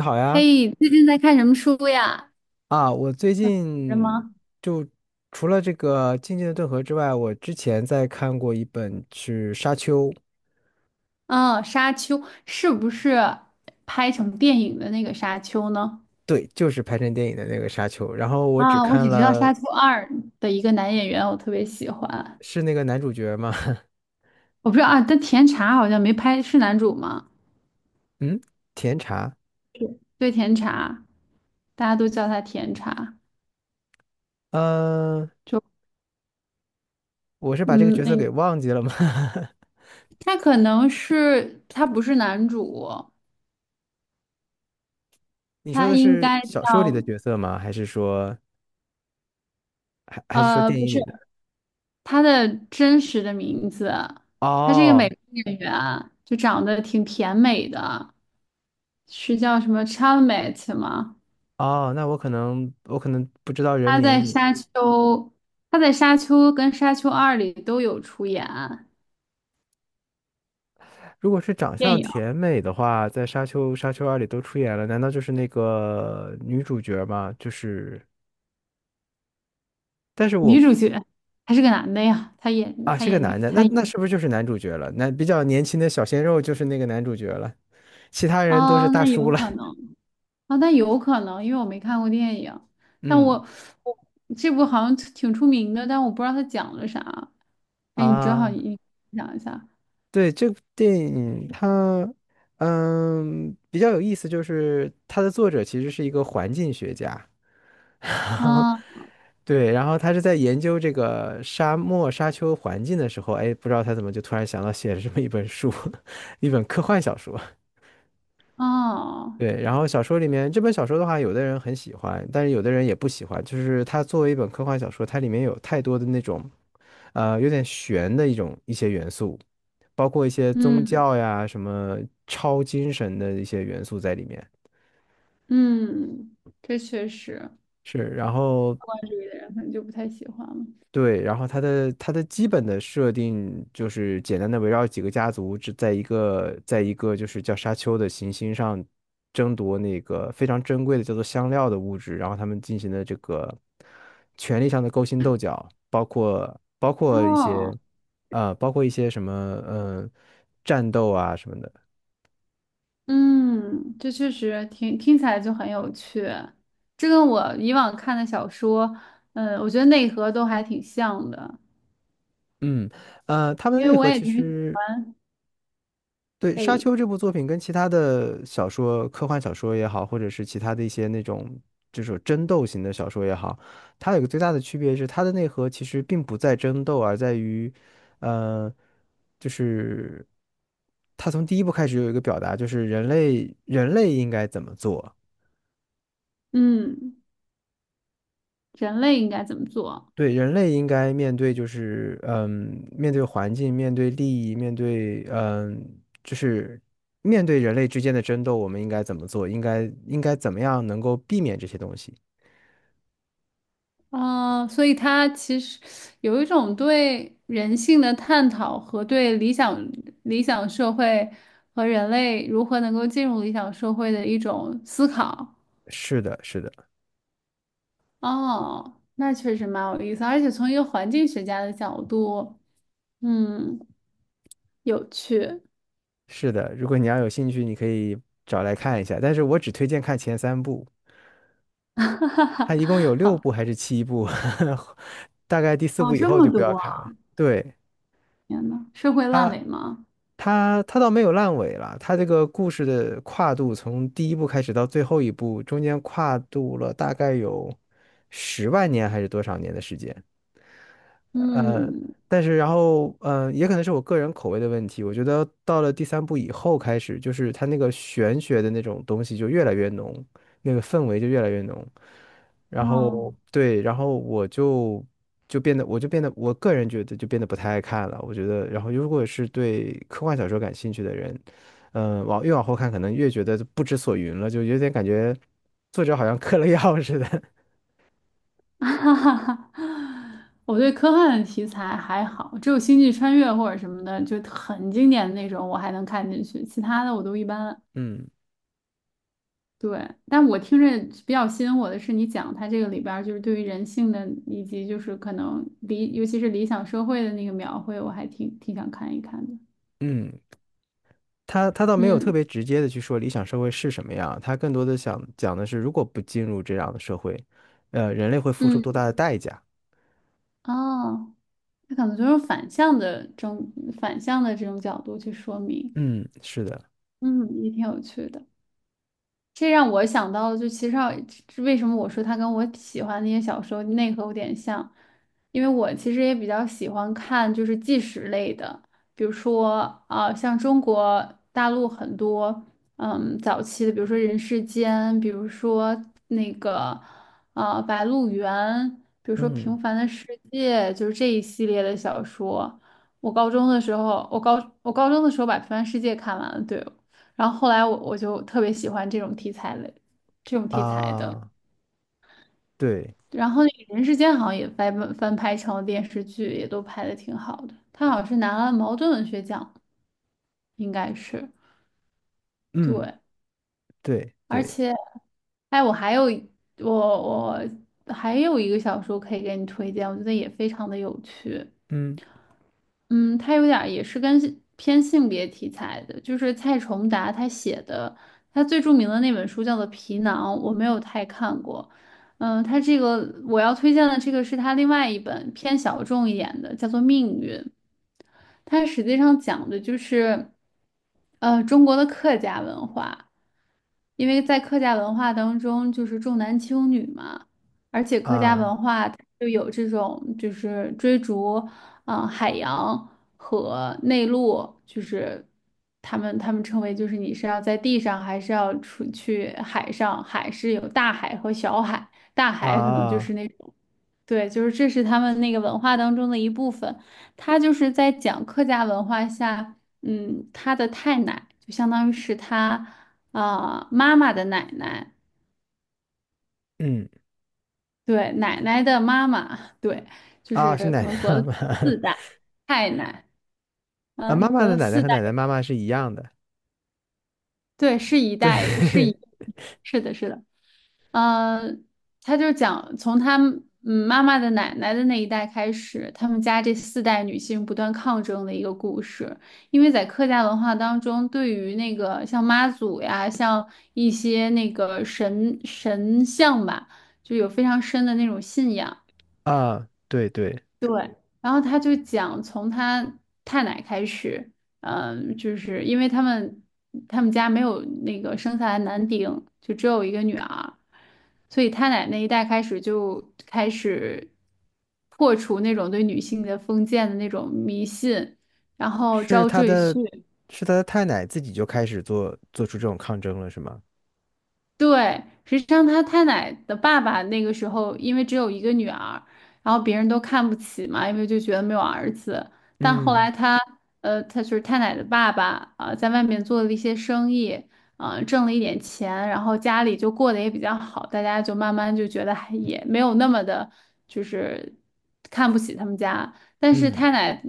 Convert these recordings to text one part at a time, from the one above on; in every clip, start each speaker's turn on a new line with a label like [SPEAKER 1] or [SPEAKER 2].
[SPEAKER 1] 你好呀，
[SPEAKER 2] 嘿，最近在看什么书呀？
[SPEAKER 1] 啊，我最
[SPEAKER 2] 什
[SPEAKER 1] 近
[SPEAKER 2] 么？
[SPEAKER 1] 就除了这个《静静的顿河》之外，我之前在看过一本是《沙丘》，
[SPEAKER 2] 嗯，《沙丘》是不是拍成电影的那个《沙丘》呢？
[SPEAKER 1] 对，就是拍成电影的那个《沙丘》，然后我只
[SPEAKER 2] 啊，我
[SPEAKER 1] 看
[SPEAKER 2] 只知道
[SPEAKER 1] 了
[SPEAKER 2] 《沙丘二》的一个男演员，我特别喜欢。
[SPEAKER 1] 是那个男主角吗？
[SPEAKER 2] 我不知道啊，但甜茶好像没拍，是男主吗？
[SPEAKER 1] 嗯，甜茶，
[SPEAKER 2] 对，甜茶，大家都叫他甜茶。
[SPEAKER 1] 呃，
[SPEAKER 2] 就
[SPEAKER 1] 我是把这个
[SPEAKER 2] 嗯，
[SPEAKER 1] 角色
[SPEAKER 2] 那
[SPEAKER 1] 给忘记了吗？
[SPEAKER 2] 他可能不是男主，
[SPEAKER 1] 你说
[SPEAKER 2] 他
[SPEAKER 1] 的
[SPEAKER 2] 应
[SPEAKER 1] 是
[SPEAKER 2] 该
[SPEAKER 1] 小说里的
[SPEAKER 2] 叫
[SPEAKER 1] 角色吗？还是说还是说电
[SPEAKER 2] 不
[SPEAKER 1] 影
[SPEAKER 2] 是。
[SPEAKER 1] 里的？
[SPEAKER 2] 他的真实的名字，他是一个美
[SPEAKER 1] 哦
[SPEAKER 2] 国演员，就长得挺甜美的，是叫什么 Chalamet 吗？
[SPEAKER 1] 哦，那我可能不知道人
[SPEAKER 2] 他在
[SPEAKER 1] 名，
[SPEAKER 2] 《沙丘》，他在《沙丘》跟《沙丘二》里都有出演
[SPEAKER 1] 如果是长
[SPEAKER 2] 电
[SPEAKER 1] 相
[SPEAKER 2] 影
[SPEAKER 1] 甜美的话，在《沙丘》《沙丘二》里都出演了，难道就是那个女主角吗？就是，但是
[SPEAKER 2] 女
[SPEAKER 1] 我
[SPEAKER 2] 主角，还是个男的呀，他演
[SPEAKER 1] 啊
[SPEAKER 2] 他
[SPEAKER 1] 是个
[SPEAKER 2] 演
[SPEAKER 1] 男
[SPEAKER 2] 女
[SPEAKER 1] 的，那
[SPEAKER 2] 他演
[SPEAKER 1] 那是不是就是男主角了？那比较年轻的小鲜肉就是那个男主角了，其他人都是
[SPEAKER 2] 哦，
[SPEAKER 1] 大
[SPEAKER 2] 那有
[SPEAKER 1] 叔了。
[SPEAKER 2] 可能哦，那有可能，因为我没看过电影，但
[SPEAKER 1] 嗯
[SPEAKER 2] 我我这部好像挺出名的，但我不知道他讲了啥。哎，你正好
[SPEAKER 1] 啊，
[SPEAKER 2] 你你讲一下。
[SPEAKER 1] 对，这部电影它比较有意思，就是它的作者其实是一个环境学家。
[SPEAKER 2] 嗯
[SPEAKER 1] 对，然后他是在研究这个沙漠沙丘环境的时候，哎，不知道他怎么就突然想到写了这么一本书，一本科幻小说。
[SPEAKER 2] 哦，
[SPEAKER 1] 对，然后小说里面这本小说的话，有的人很喜欢，但是有的人也不喜欢。就是它作为一本科幻小说，它里面有太多的那种，有点玄的一些元素，包括一些宗
[SPEAKER 2] 嗯
[SPEAKER 1] 教呀、什么超精神的一些元素在里面。
[SPEAKER 2] 嗯，这确实，
[SPEAKER 1] 是，然后
[SPEAKER 2] 关注的人可能就不太喜欢了。
[SPEAKER 1] 对，然后它的基本的设定就是简单的围绕几个家族，只在一个就是叫沙丘的行星上争夺那个非常珍贵的叫做香料的物质，然后他们进行的这个权力上的勾心斗角，包括包括一些
[SPEAKER 2] 哦，
[SPEAKER 1] 呃包括一些什么嗯战斗啊什么的，
[SPEAKER 2] 嗯，这确实听起来就很有趣，这跟我以往看的小说，嗯，我觉得内核都还挺像的，
[SPEAKER 1] 嗯他们
[SPEAKER 2] 因
[SPEAKER 1] 的
[SPEAKER 2] 为
[SPEAKER 1] 内
[SPEAKER 2] 我
[SPEAKER 1] 核
[SPEAKER 2] 也
[SPEAKER 1] 其
[SPEAKER 2] 挺，
[SPEAKER 1] 实。对《沙
[SPEAKER 2] 哎，
[SPEAKER 1] 丘》这部作品跟其他的小说、科幻小说也好，或者是其他的一些那种就是争斗型的小说也好，它有个最大的区别是，它的内核其实并不在争斗，而在于，呃，就是它从第一部开始有一个表达，就是人类应该怎么做。
[SPEAKER 2] 嗯，人类应该怎么做？
[SPEAKER 1] 对，人类应该面对就是，面对环境，面对利益，面对，就是面对人类之间的争斗，我们应该怎么做？应该怎么样能够避免这些东西？
[SPEAKER 2] 啊，所以他其实有一种对人性的探讨和对理想社会和人类如何能够进入理想社会的一种思考。
[SPEAKER 1] 是的，是的，
[SPEAKER 2] 哦，那确实蛮有意思，而且从一个环境学家的角度，嗯，有趣。
[SPEAKER 1] 是的。如果你要有兴趣，你可以找来看一下。但是我只推荐看前三部，它 一共有六
[SPEAKER 2] 好，
[SPEAKER 1] 部还是七部，大概第四
[SPEAKER 2] 哦，
[SPEAKER 1] 部以
[SPEAKER 2] 这
[SPEAKER 1] 后
[SPEAKER 2] 么
[SPEAKER 1] 就不要
[SPEAKER 2] 多
[SPEAKER 1] 看了。
[SPEAKER 2] 啊，
[SPEAKER 1] 对。
[SPEAKER 2] 天呐，社会烂
[SPEAKER 1] 它
[SPEAKER 2] 尾吗？
[SPEAKER 1] 它倒没有烂尾了，它这个故事的跨度从第一部开始到最后一部，中间跨度了大概有10万年还是多少年的时间。呃，
[SPEAKER 2] 嗯，
[SPEAKER 1] 但是然后，也可能是我个人口味的问题。我觉得到了第三部以后开始，就是它那个玄学的那种东西就越来越浓，那个氛围就越来越浓。然
[SPEAKER 2] 哦。
[SPEAKER 1] 后对，然后我就变得，我就变得，我个人觉得就变得不太爱看了。我觉得，然后如果是对科幻小说感兴趣的人，越往后看，可能越觉得不知所云了，就有点感觉作者好像嗑了药 似的。
[SPEAKER 2] 哈哈哈，我对科幻的题材还好，只有《星际穿越》或者什么的，就很经典的那种，我还能看进去，其他的我都一般。
[SPEAKER 1] 嗯
[SPEAKER 2] 对，但我听着比较吸引我的是，你讲它这个里边儿就是对于人性的，以及就是可能理，尤其是理想社会的那个描绘，我还挺想看一看的。
[SPEAKER 1] 嗯，他倒没有特
[SPEAKER 2] 嗯
[SPEAKER 1] 别直接的去说理想社会是什么样，他更多的想讲的是，如果不进入这样的社会，人类会付出
[SPEAKER 2] 嗯，
[SPEAKER 1] 多大的代价？
[SPEAKER 2] 哦，它可能就是反向的这种角度去说明，
[SPEAKER 1] 嗯，是的，
[SPEAKER 2] 嗯，也挺有趣的。这让我想到了，就其实上为什么我说它跟我喜欢的那些小说内核有点像，因为我其实也比较喜欢看就是纪实类的，比如说像中国大陆很多嗯早期的，比如说《人世间》，比如说那个啊《白鹿原》，比如说
[SPEAKER 1] 嗯
[SPEAKER 2] 《平凡的世界》，就是这一系列的小说。我高中的时候，我高中的时候把《平凡世界》看完了，对，然后后来我就特别喜欢这种题材类，这种题材的。
[SPEAKER 1] 啊，对，
[SPEAKER 2] 然后那个《人世间》好像也翻拍成了电视剧，也都拍的挺好的。他好像是拿了茅盾文学奖，应该是
[SPEAKER 1] 嗯，
[SPEAKER 2] 对。
[SPEAKER 1] 对
[SPEAKER 2] 而
[SPEAKER 1] 对，
[SPEAKER 2] 且，哎，我我还有一个小说可以给你推荐，我觉得也非常的有趣。
[SPEAKER 1] 嗯
[SPEAKER 2] 嗯，他有点儿也是跟性偏性别题材的，就是蔡崇达他写的，他最著名的那本书叫做《皮囊》，我没有太看过。嗯，他这个我要推荐的这个是他另外一本偏小众一点的，叫做《命运》。它实际上讲的就是，呃，中国的客家文化，因为在客家文化当中就是重男轻女嘛，而且客家
[SPEAKER 1] 啊
[SPEAKER 2] 文化它就有这种就是追逐，海洋和内陆，就是他们称为就是你是要在地上还是要出去海上，海是有大海和小海，大海可能就
[SPEAKER 1] 啊，
[SPEAKER 2] 是那种。对，就是这是他们那个文化当中的一部分。他就是在讲客家文化下，嗯，他的太奶就相当于是他妈妈的奶奶，
[SPEAKER 1] 嗯
[SPEAKER 2] 对，奶奶的妈妈，对，就
[SPEAKER 1] 啊，是
[SPEAKER 2] 是
[SPEAKER 1] 奶
[SPEAKER 2] 可能
[SPEAKER 1] 奶
[SPEAKER 2] 隔
[SPEAKER 1] 妈
[SPEAKER 2] 了
[SPEAKER 1] 妈
[SPEAKER 2] 四代，太奶，
[SPEAKER 1] 啊，妈
[SPEAKER 2] 嗯，
[SPEAKER 1] 妈
[SPEAKER 2] 隔
[SPEAKER 1] 的
[SPEAKER 2] 了
[SPEAKER 1] 奶奶
[SPEAKER 2] 四
[SPEAKER 1] 和
[SPEAKER 2] 代，
[SPEAKER 1] 奶奶妈妈是一样的，
[SPEAKER 2] 对，是一
[SPEAKER 1] 对
[SPEAKER 2] 代，是一，是的，是的。呃，他就讲从他们嗯妈妈的奶奶的那一代开始，他们家这四代女性不断抗争的一个故事。因为在客家文化当中，对于那个像妈祖呀，像一些那个神像吧，就有非常深的那种信仰。
[SPEAKER 1] 啊，对对，
[SPEAKER 2] 对，然后他就讲从他太奶开始，就是因为他们家没有那个生下来男丁，就只有一个女儿，所以太奶那一代开始就开始破除那种对女性的封建的那种迷信，然后
[SPEAKER 1] 是
[SPEAKER 2] 招
[SPEAKER 1] 他
[SPEAKER 2] 赘
[SPEAKER 1] 的，
[SPEAKER 2] 婿，
[SPEAKER 1] 是他的太奶自己就开始做出这种抗争了，是吗？
[SPEAKER 2] 对，实际上他太奶的爸爸那个时候，因为只有一个女儿，然后别人都看不起嘛，因为就觉得没有儿子。但后
[SPEAKER 1] 嗯
[SPEAKER 2] 来他，呃，他就是太奶的爸爸啊、在外面做了一些生意，啊、挣了一点钱，然后家里就过得也比较好，大家就慢慢就觉得还也没有那么的，就是看不起他们家。但是
[SPEAKER 1] 嗯。
[SPEAKER 2] 太奶，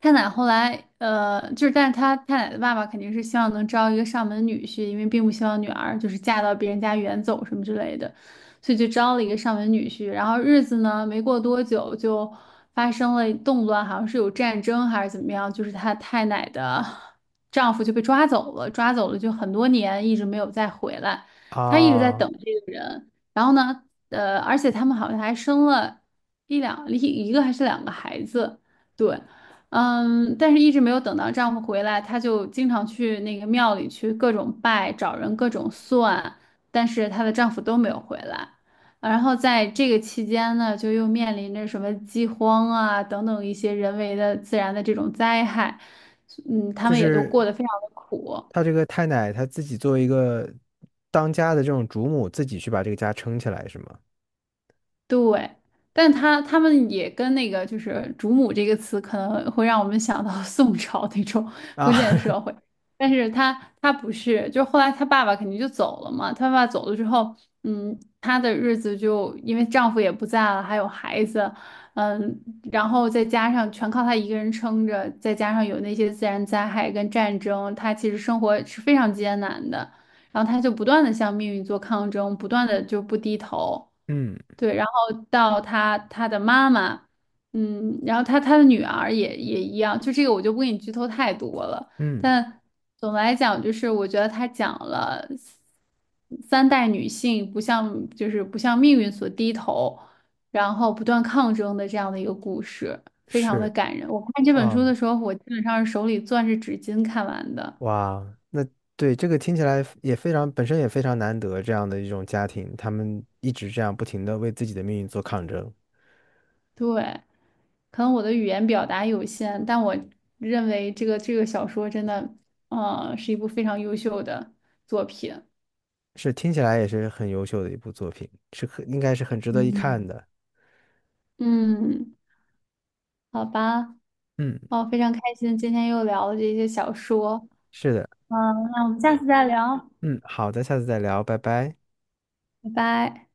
[SPEAKER 2] 后来呃，就是但是他太奶的爸爸肯定是希望能招一个上门女婿，因为并不希望女儿就是嫁到别人家远走什么之类的，所以就招了一个上门女婿。然后日子呢，没过多久就发生了动乱，好像是有战争还是怎么样，就是他太奶的 丈夫就被抓走了，抓走了就很多年一直没有再回来，他一直在
[SPEAKER 1] 啊，
[SPEAKER 2] 等这个人。然后呢，呃，而且他们好像还生了。一个还是两个孩子，对，嗯，但是一直没有等到丈夫回来，她就经常去那个庙里去各种拜，找人各种算，但是她的丈夫都没有回来。啊然后在这个期间呢，就又面临着什么饥荒啊等等一些人为的自然的这种灾害，嗯，他
[SPEAKER 1] 就
[SPEAKER 2] 们也都
[SPEAKER 1] 是
[SPEAKER 2] 过得非常的苦。
[SPEAKER 1] 他这个太奶，他自己作为一个当家的这种主母，自己去把这个家撑起来，是吗？
[SPEAKER 2] 对，但他们也跟那个就是“主母”这个词，可能会让我们想到 宋朝那种
[SPEAKER 1] 啊，
[SPEAKER 2] 封建社 会。但是他，不是，就后来他爸爸肯定就走了嘛。他爸爸走了之后，嗯，她的日子就因为丈夫也不在了，还有孩子，嗯，然后再加上全靠她一个人撑着，再加上有那些自然灾害跟战争，她其实生活是非常艰难的。然后他就不断的向命运做抗争，不断的就不低头。
[SPEAKER 1] 嗯
[SPEAKER 2] 对，然后到他，的妈妈，嗯，然后他的女儿也一样，就这个我就不给你剧透太多了。
[SPEAKER 1] 嗯，
[SPEAKER 2] 但总的来讲，就是我觉得他讲了三代女性不像就是不向命运所低头，然后不断抗争的这样的一个故事，非常的
[SPEAKER 1] 是
[SPEAKER 2] 感人。我看这本
[SPEAKER 1] 啊，
[SPEAKER 2] 书的时候，我基本上是手里攥着纸巾看完的。
[SPEAKER 1] 哇，那对这个听起来也非常，本身也非常难得这样的一种家庭，他们一直这样不停的为自己的命运做抗争，
[SPEAKER 2] 对，可能我的语言表达有限，但我认为这个小说真的，嗯，是一部非常优秀的作品。
[SPEAKER 1] 是听起来也是很优秀的一部作品，是很应该是很值得一
[SPEAKER 2] 嗯，
[SPEAKER 1] 看的。
[SPEAKER 2] 嗯，好吧，
[SPEAKER 1] 嗯
[SPEAKER 2] 哦，非常开心，今天又聊了这些小说。
[SPEAKER 1] 是的，
[SPEAKER 2] 嗯，那我们下次再聊，
[SPEAKER 1] 嗯，好的，下次再聊，拜拜。
[SPEAKER 2] 拜拜。